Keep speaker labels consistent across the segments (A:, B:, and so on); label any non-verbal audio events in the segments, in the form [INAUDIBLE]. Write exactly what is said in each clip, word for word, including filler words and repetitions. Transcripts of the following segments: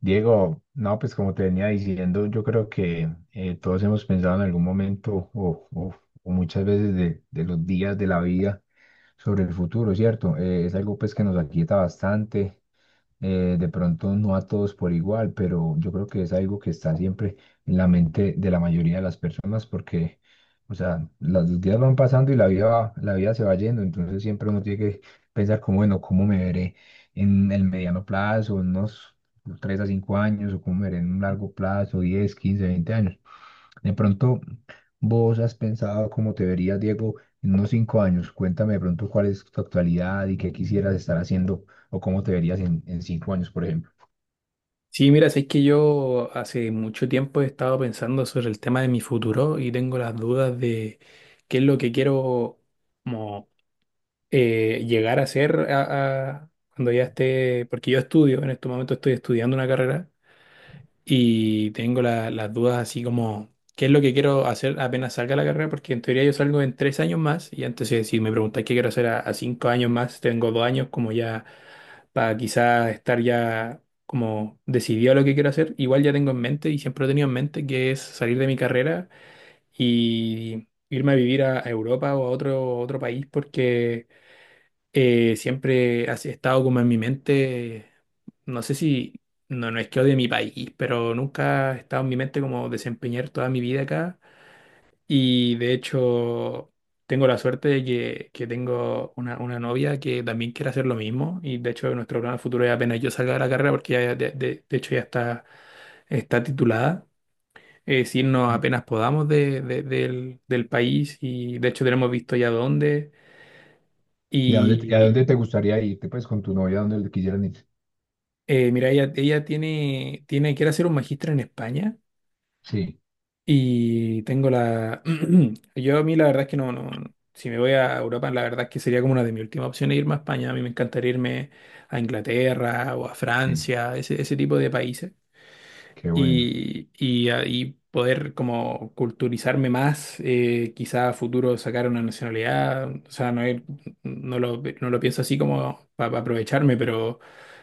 A: Diego, no, pues como te venía diciendo, yo creo que eh, todos hemos pensado en algún momento o, o- o muchas veces de, de los días de la vida sobre el futuro, ¿cierto? Eh, es algo pues que nos aquieta bastante, eh, de pronto no a todos por igual, pero yo creo que es algo que está siempre en la mente de la mayoría de las personas porque, o sea, las- los días van pasando y la vida va- la vida se va yendo, entonces siempre uno tiene que pensar como, bueno, ¿cómo me veré en el mediano plazo, en unos tres a cinco años, o cómo me veré en un largo plazo, diez quince veinte años? De pronto, vos has pensado cómo te verías, Diego, en unos cinco años. Cuéntame de pronto cuál es tu actualidad y qué quisieras estar haciendo o cómo te verías en, en cinco años, por ejemplo.
B: Sí, mira, es que yo hace mucho tiempo he estado pensando sobre el tema de mi futuro y tengo las dudas de qué es lo que quiero como, eh, llegar a ser a- a- cuando ya esté, porque yo estudio, en este momento estoy estudiando una carrera y tengo la- las dudas así como, ¿qué es lo que quiero hacer apenas salga la carrera? Porque en teoría yo salgo en tres años más y entonces si me preguntáis qué quiero hacer a, a cinco años más, tengo dos años como ya para quizás estar ya como decidido a lo que quiero hacer. Igual ya tengo en mente y siempre he tenido en mente que es salir de mi carrera y irme a vivir a, a Europa o a otro, otro país porque eh, siempre ha estado como en mi mente, no sé si, no, no es que odie mi país, pero nunca ha estado en mi mente como desempeñar toda mi vida acá. Y de hecho, tengo la suerte de que, que tengo una, una novia que también quiere hacer lo mismo. Y de hecho, nuestro plan futuro es apenas yo salga de la carrera, porque ya, de, de- de hecho ya está, está titulada. Es irnos
A: Mm.
B: apenas podamos de- de- del, del país y de hecho tenemos visto ya dónde. Mm.
A: ¿Y a dónde, te- a
B: Y,
A: dónde te gustaría irte, pues, con tu novia, a dónde le quisieran ir?
B: Eh, mira, ella, ella tiene, tiene, quiere hacer un magíster en España
A: Sí,
B: y tengo la... [CLEARS THROAT] Yo a mí la verdad es que no, no, no. Si me voy a Europa, la verdad es que sería como una de mis últimas opciones irme a España. A mí me encantaría irme a Inglaterra o a
A: sí,
B: Francia, ese, ese tipo de países
A: qué bueno,
B: y, y ahí poder como culturizarme más, eh, quizá a futuro sacar una nacionalidad, o sea, no, es- no lo, no lo pienso así como para aprovecharme, pero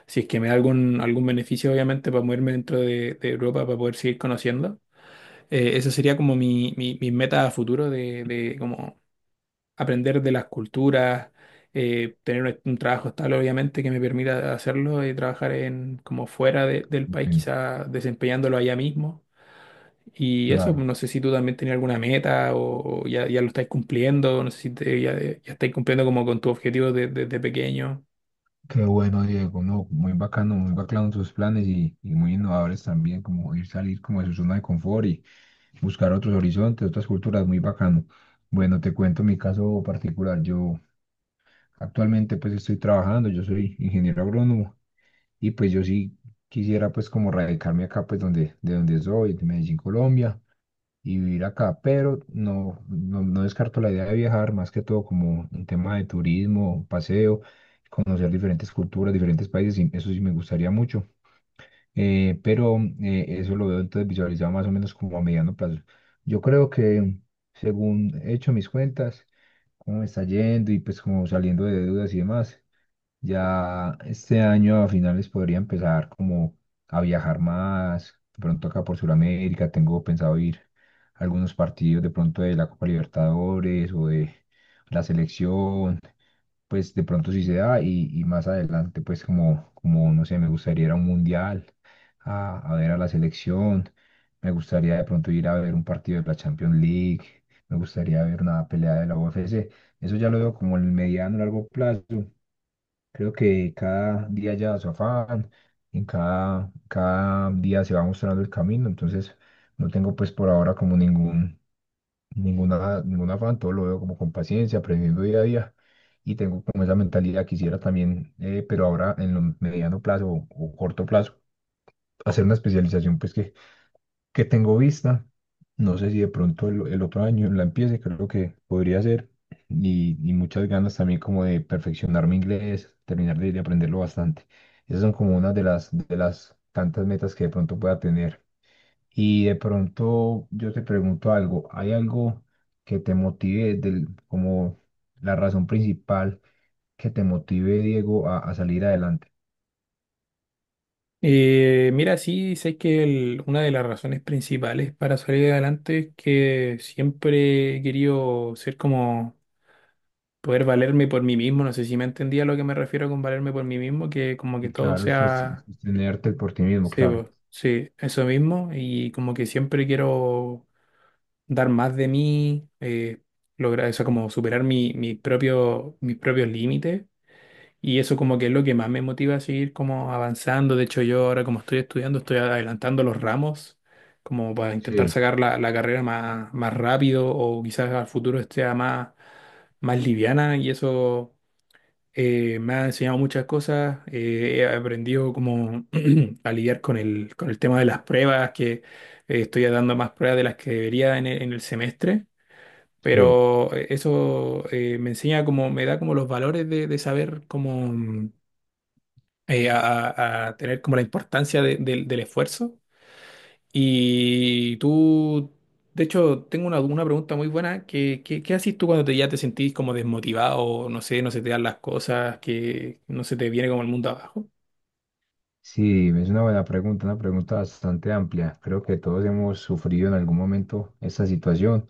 B: si es que me da algún, algún beneficio, obviamente, para moverme dentro de, de Europa, para poder seguir conociendo, eh, esa sería como mi, mi, mi meta a futuro de, de como aprender de las culturas. eh, tener un, un trabajo estable, obviamente, que me permita hacerlo y trabajar en como fuera de- del país,
A: bueno,
B: quizá desempeñándolo allá mismo. Y eso,
A: claro.
B: no sé si tú también tenías alguna meta o o ya, ya lo estáis cumpliendo, no sé si te- ya, ya estáis cumpliendo como con tu objetivo de- desde pequeño.
A: Qué bueno, Diego, no, muy bacano, muy bacano tus planes y, y muy innovadores también, como ir salir como de su zona de confort y buscar otros horizontes, otras culturas, muy bacano. Bueno, te cuento mi caso particular. Yo actualmente pues estoy trabajando, yo soy ingeniero agrónomo. Y pues yo sí quisiera pues como radicarme acá pues donde, de donde soy, de Medellín, Colombia, y vivir acá, pero no, no, no descarto la idea de viajar, más que todo como un tema de turismo, paseo, conocer diferentes culturas, diferentes países, y eso sí me gustaría mucho. Eh, pero eh, eso lo veo entonces visualizado más o menos como a mediano plazo. Yo creo que según he hecho mis cuentas, cómo me está yendo y pues como saliendo de deudas y demás. Ya este año a finales podría empezar como a viajar más, de pronto acá por Sudamérica, tengo pensado ir a algunos partidos de pronto de la Copa Libertadores o de la selección, pues de pronto si se da y, y más adelante pues como, como, no sé, me gustaría ir a un mundial, a, a ver a la selección, me gustaría de pronto ir a ver un partido de la Champions League, me gustaría ver una pelea de la U F C, eso ya lo veo como en el mediano largo plazo. Creo que cada día lleva su afán, en cada, cada día se va mostrando el camino, entonces no tengo pues por ahora como ningún, ninguna, ningún afán, todo lo veo como con paciencia, aprendiendo día a día y tengo como esa mentalidad, quisiera también, eh, pero ahora en lo mediano plazo o, o corto plazo, hacer una especialización pues que que tengo vista. No sé si de pronto el, el otro año la empiece, creo que podría ser. Y, y muchas ganas también como de perfeccionar mi inglés, terminar de, de aprenderlo bastante. Esas son como una de las, de las tantas metas que de pronto pueda tener. Y de pronto yo te pregunto algo, ¿hay algo que te motive del, como la razón principal que te motive, Diego, a, a salir adelante?
B: Eh, mira, sí, sé que el- una de las razones principales para salir adelante es que siempre he querido ser como poder valerme por mí mismo, no sé si me entendía a lo que me refiero con valerme por mí mismo, que como
A: Y
B: que todo
A: claro, eso es
B: sea,
A: sostenerte por ti mismo,
B: sí,
A: claro.
B: po, sí, eso mismo, y como que siempre quiero dar más de mí, eh, lograr eso, como superar mi, mi propio, mis propios límites. Y eso como que es lo que más me motiva a seguir como avanzando. De hecho, yo ahora como estoy estudiando, estoy adelantando los ramos, como para intentar
A: Sí,
B: sacar la, la carrera más, más rápido o quizás al futuro esté más, más liviana. Y eso eh, me ha enseñado muchas cosas. Eh, he aprendido como [CLEARS THROAT] a lidiar con el, con el tema de las pruebas, que eh, estoy dando más pruebas de las que debería en el en el semestre.
A: sí.
B: Pero eh, eso eh, me enseña como, me da como los valores de, de saber cómo mm, eh, a, a- a tener como la importancia de- del del esfuerzo. Y tú, de hecho, tengo una, una pregunta muy buena. ¿Qué, qué, qué haces tú cuando te, ya te sentís como desmotivado, no sé, no se te dan las cosas, que no se te viene como el mundo abajo?
A: Sí, es una buena pregunta, una pregunta bastante amplia. Creo que todos hemos sufrido en algún momento esta situación.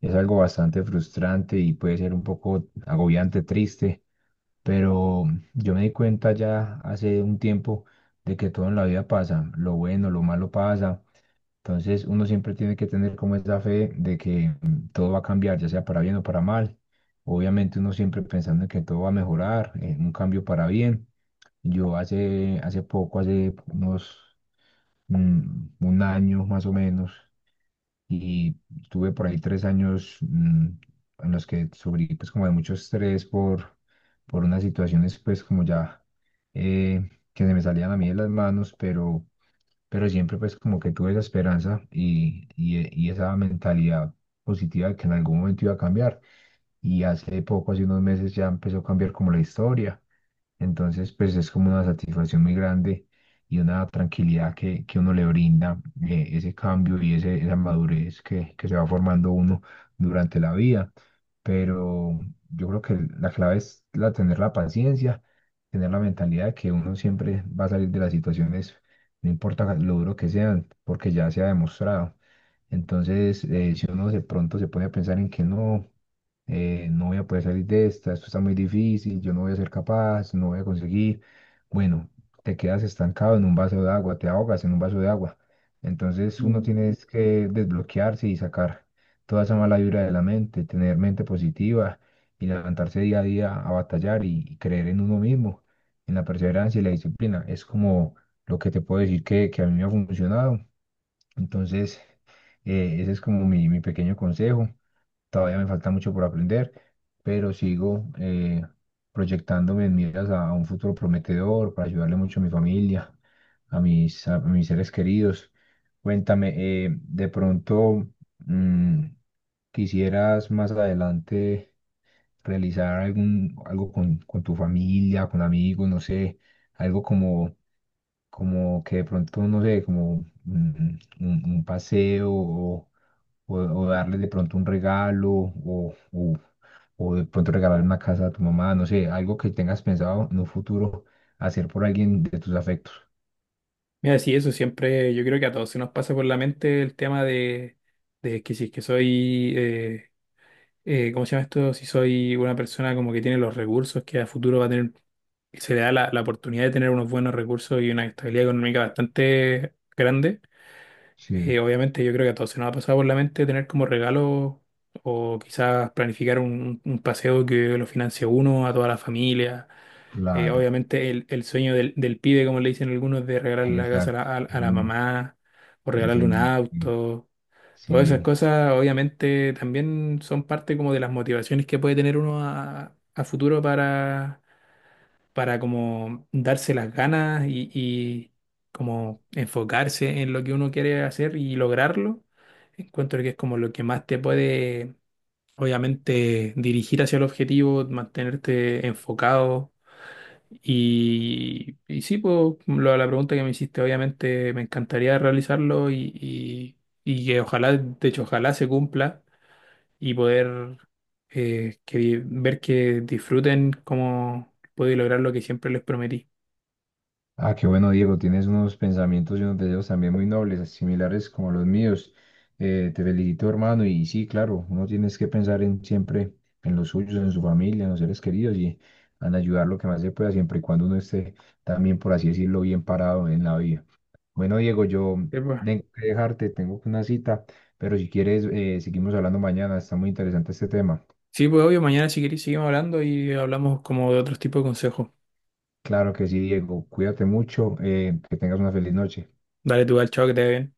A: Es algo bastante frustrante y puede ser un poco agobiante, triste, pero yo me di cuenta ya hace un tiempo de que todo en la vida pasa. Lo bueno, lo malo pasa. Entonces uno siempre tiene que tener como esa fe de que mm, todo va a cambiar, ya sea para bien o para mal. Obviamente uno siempre pensando en que todo va a mejorar, en un cambio para bien. Yo hace, hace poco, hace unos mm, un año más o menos, y tuve por ahí tres años mm, en los que sufrí pues como de mucho estrés por, por unas situaciones pues como ya eh, que se me salían a mí de las manos, pero pero siempre pues como que tuve esa esperanza y, y, y esa mentalidad positiva de que en algún momento iba a cambiar. Y hace poco, hace unos meses ya empezó a cambiar como la historia. Entonces, pues es como una satisfacción muy grande y una tranquilidad que, que uno le brinda eh, ese cambio y ese, esa madurez que, que se va formando uno durante la vida. Pero yo creo que la clave es la, tener la paciencia, tener la mentalidad de que uno siempre va a salir de las situaciones, no importa lo duro que sean, porque ya se ha demostrado. Entonces, eh, si uno de pronto se pone a pensar en que no eh, no voy a poder salir de esta, esto está muy difícil, yo no voy a ser capaz, no voy a conseguir. Bueno, te quedas estancado en un vaso de agua, te ahogas en un vaso de agua. Entonces uno
B: Mm.
A: tiene es que desbloquearse y sacar toda esa mala vibra de la mente, tener mente positiva y levantarse día a día a batallar y, y creer en uno mismo, en la perseverancia y la disciplina. Es como lo que te puedo decir que, que a mí me ha funcionado. Entonces, eh, ese es como mi, mi pequeño consejo. Todavía me falta mucho por aprender, pero sigo eh, proyectándome en miras a, a un futuro prometedor para ayudarle mucho a mi familia, a mis, a mis seres queridos. Cuéntame, eh, de pronto, mm, ¿quisieras más adelante realizar algún, algo con, con tu familia, con amigos, no sé, algo como, como que de pronto, no sé, como mm, un, un paseo o o, o darles de pronto un regalo, o, o, o de pronto regalar una casa a tu mamá, no sé, algo que tengas pensado en un futuro hacer por alguien de tus afectos.
B: Mira, sí, eso siempre, yo creo que a todos se nos pasa por la mente el tema de, de que si es que soy eh, eh, ¿cómo se llama esto? Si soy una persona como que tiene los recursos, que a futuro va a tener, se le da la, la oportunidad de tener unos buenos recursos y una estabilidad económica bastante grande.
A: Sí,
B: Eh, obviamente yo creo que a todos se nos ha pasado por la mente tener como regalo o quizás planificar un, un paseo que lo financie uno a toda la familia. Eh,
A: claro,
B: obviamente el, el sueño del, del pibe, como le dicen algunos, de regalarle la casa
A: exacto.
B: a la,
A: El
B: a la
A: sueño,
B: mamá o
A: el
B: regalarle un
A: sueño, sí,
B: auto. Todas esas
A: sí.
B: cosas obviamente también son parte como de las motivaciones que puede tener uno a, a futuro para, para como darse las ganas y, y como enfocarse en lo que uno quiere hacer y lograrlo. Encuentro que es como lo que más te puede obviamente dirigir hacia el objetivo, mantenerte enfocado y, y sí, pues lo- la pregunta que me hiciste, obviamente me encantaría realizarlo y, y, y que ojalá, de hecho, ojalá se cumpla y poder eh, que, di- ver que disfruten cómo pude lograr lo que siempre les prometí.
A: Ah, qué bueno, Diego, tienes unos pensamientos y unos deseos también muy nobles, similares como los míos. Eh, te felicito, hermano, y sí, claro, uno tienes que pensar en siempre en los suyos, en su familia, en los seres queridos y en ayudar lo que más se pueda, siempre y cuando uno esté también, por así decirlo, bien parado en la vida. Bueno, Diego, yo
B: Sí, pues,
A: tengo que dejarte, tengo una cita, pero si quieres, eh, seguimos hablando mañana, está muy interesante este tema.
B: Sí, pues, obvio, mañana si queréis seguimos hablando y hablamos como de otros tipos de consejos.
A: Claro que sí, Diego, cuídate mucho, eh, que tengas una feliz noche.
B: Dale tu al chao que te vea bien.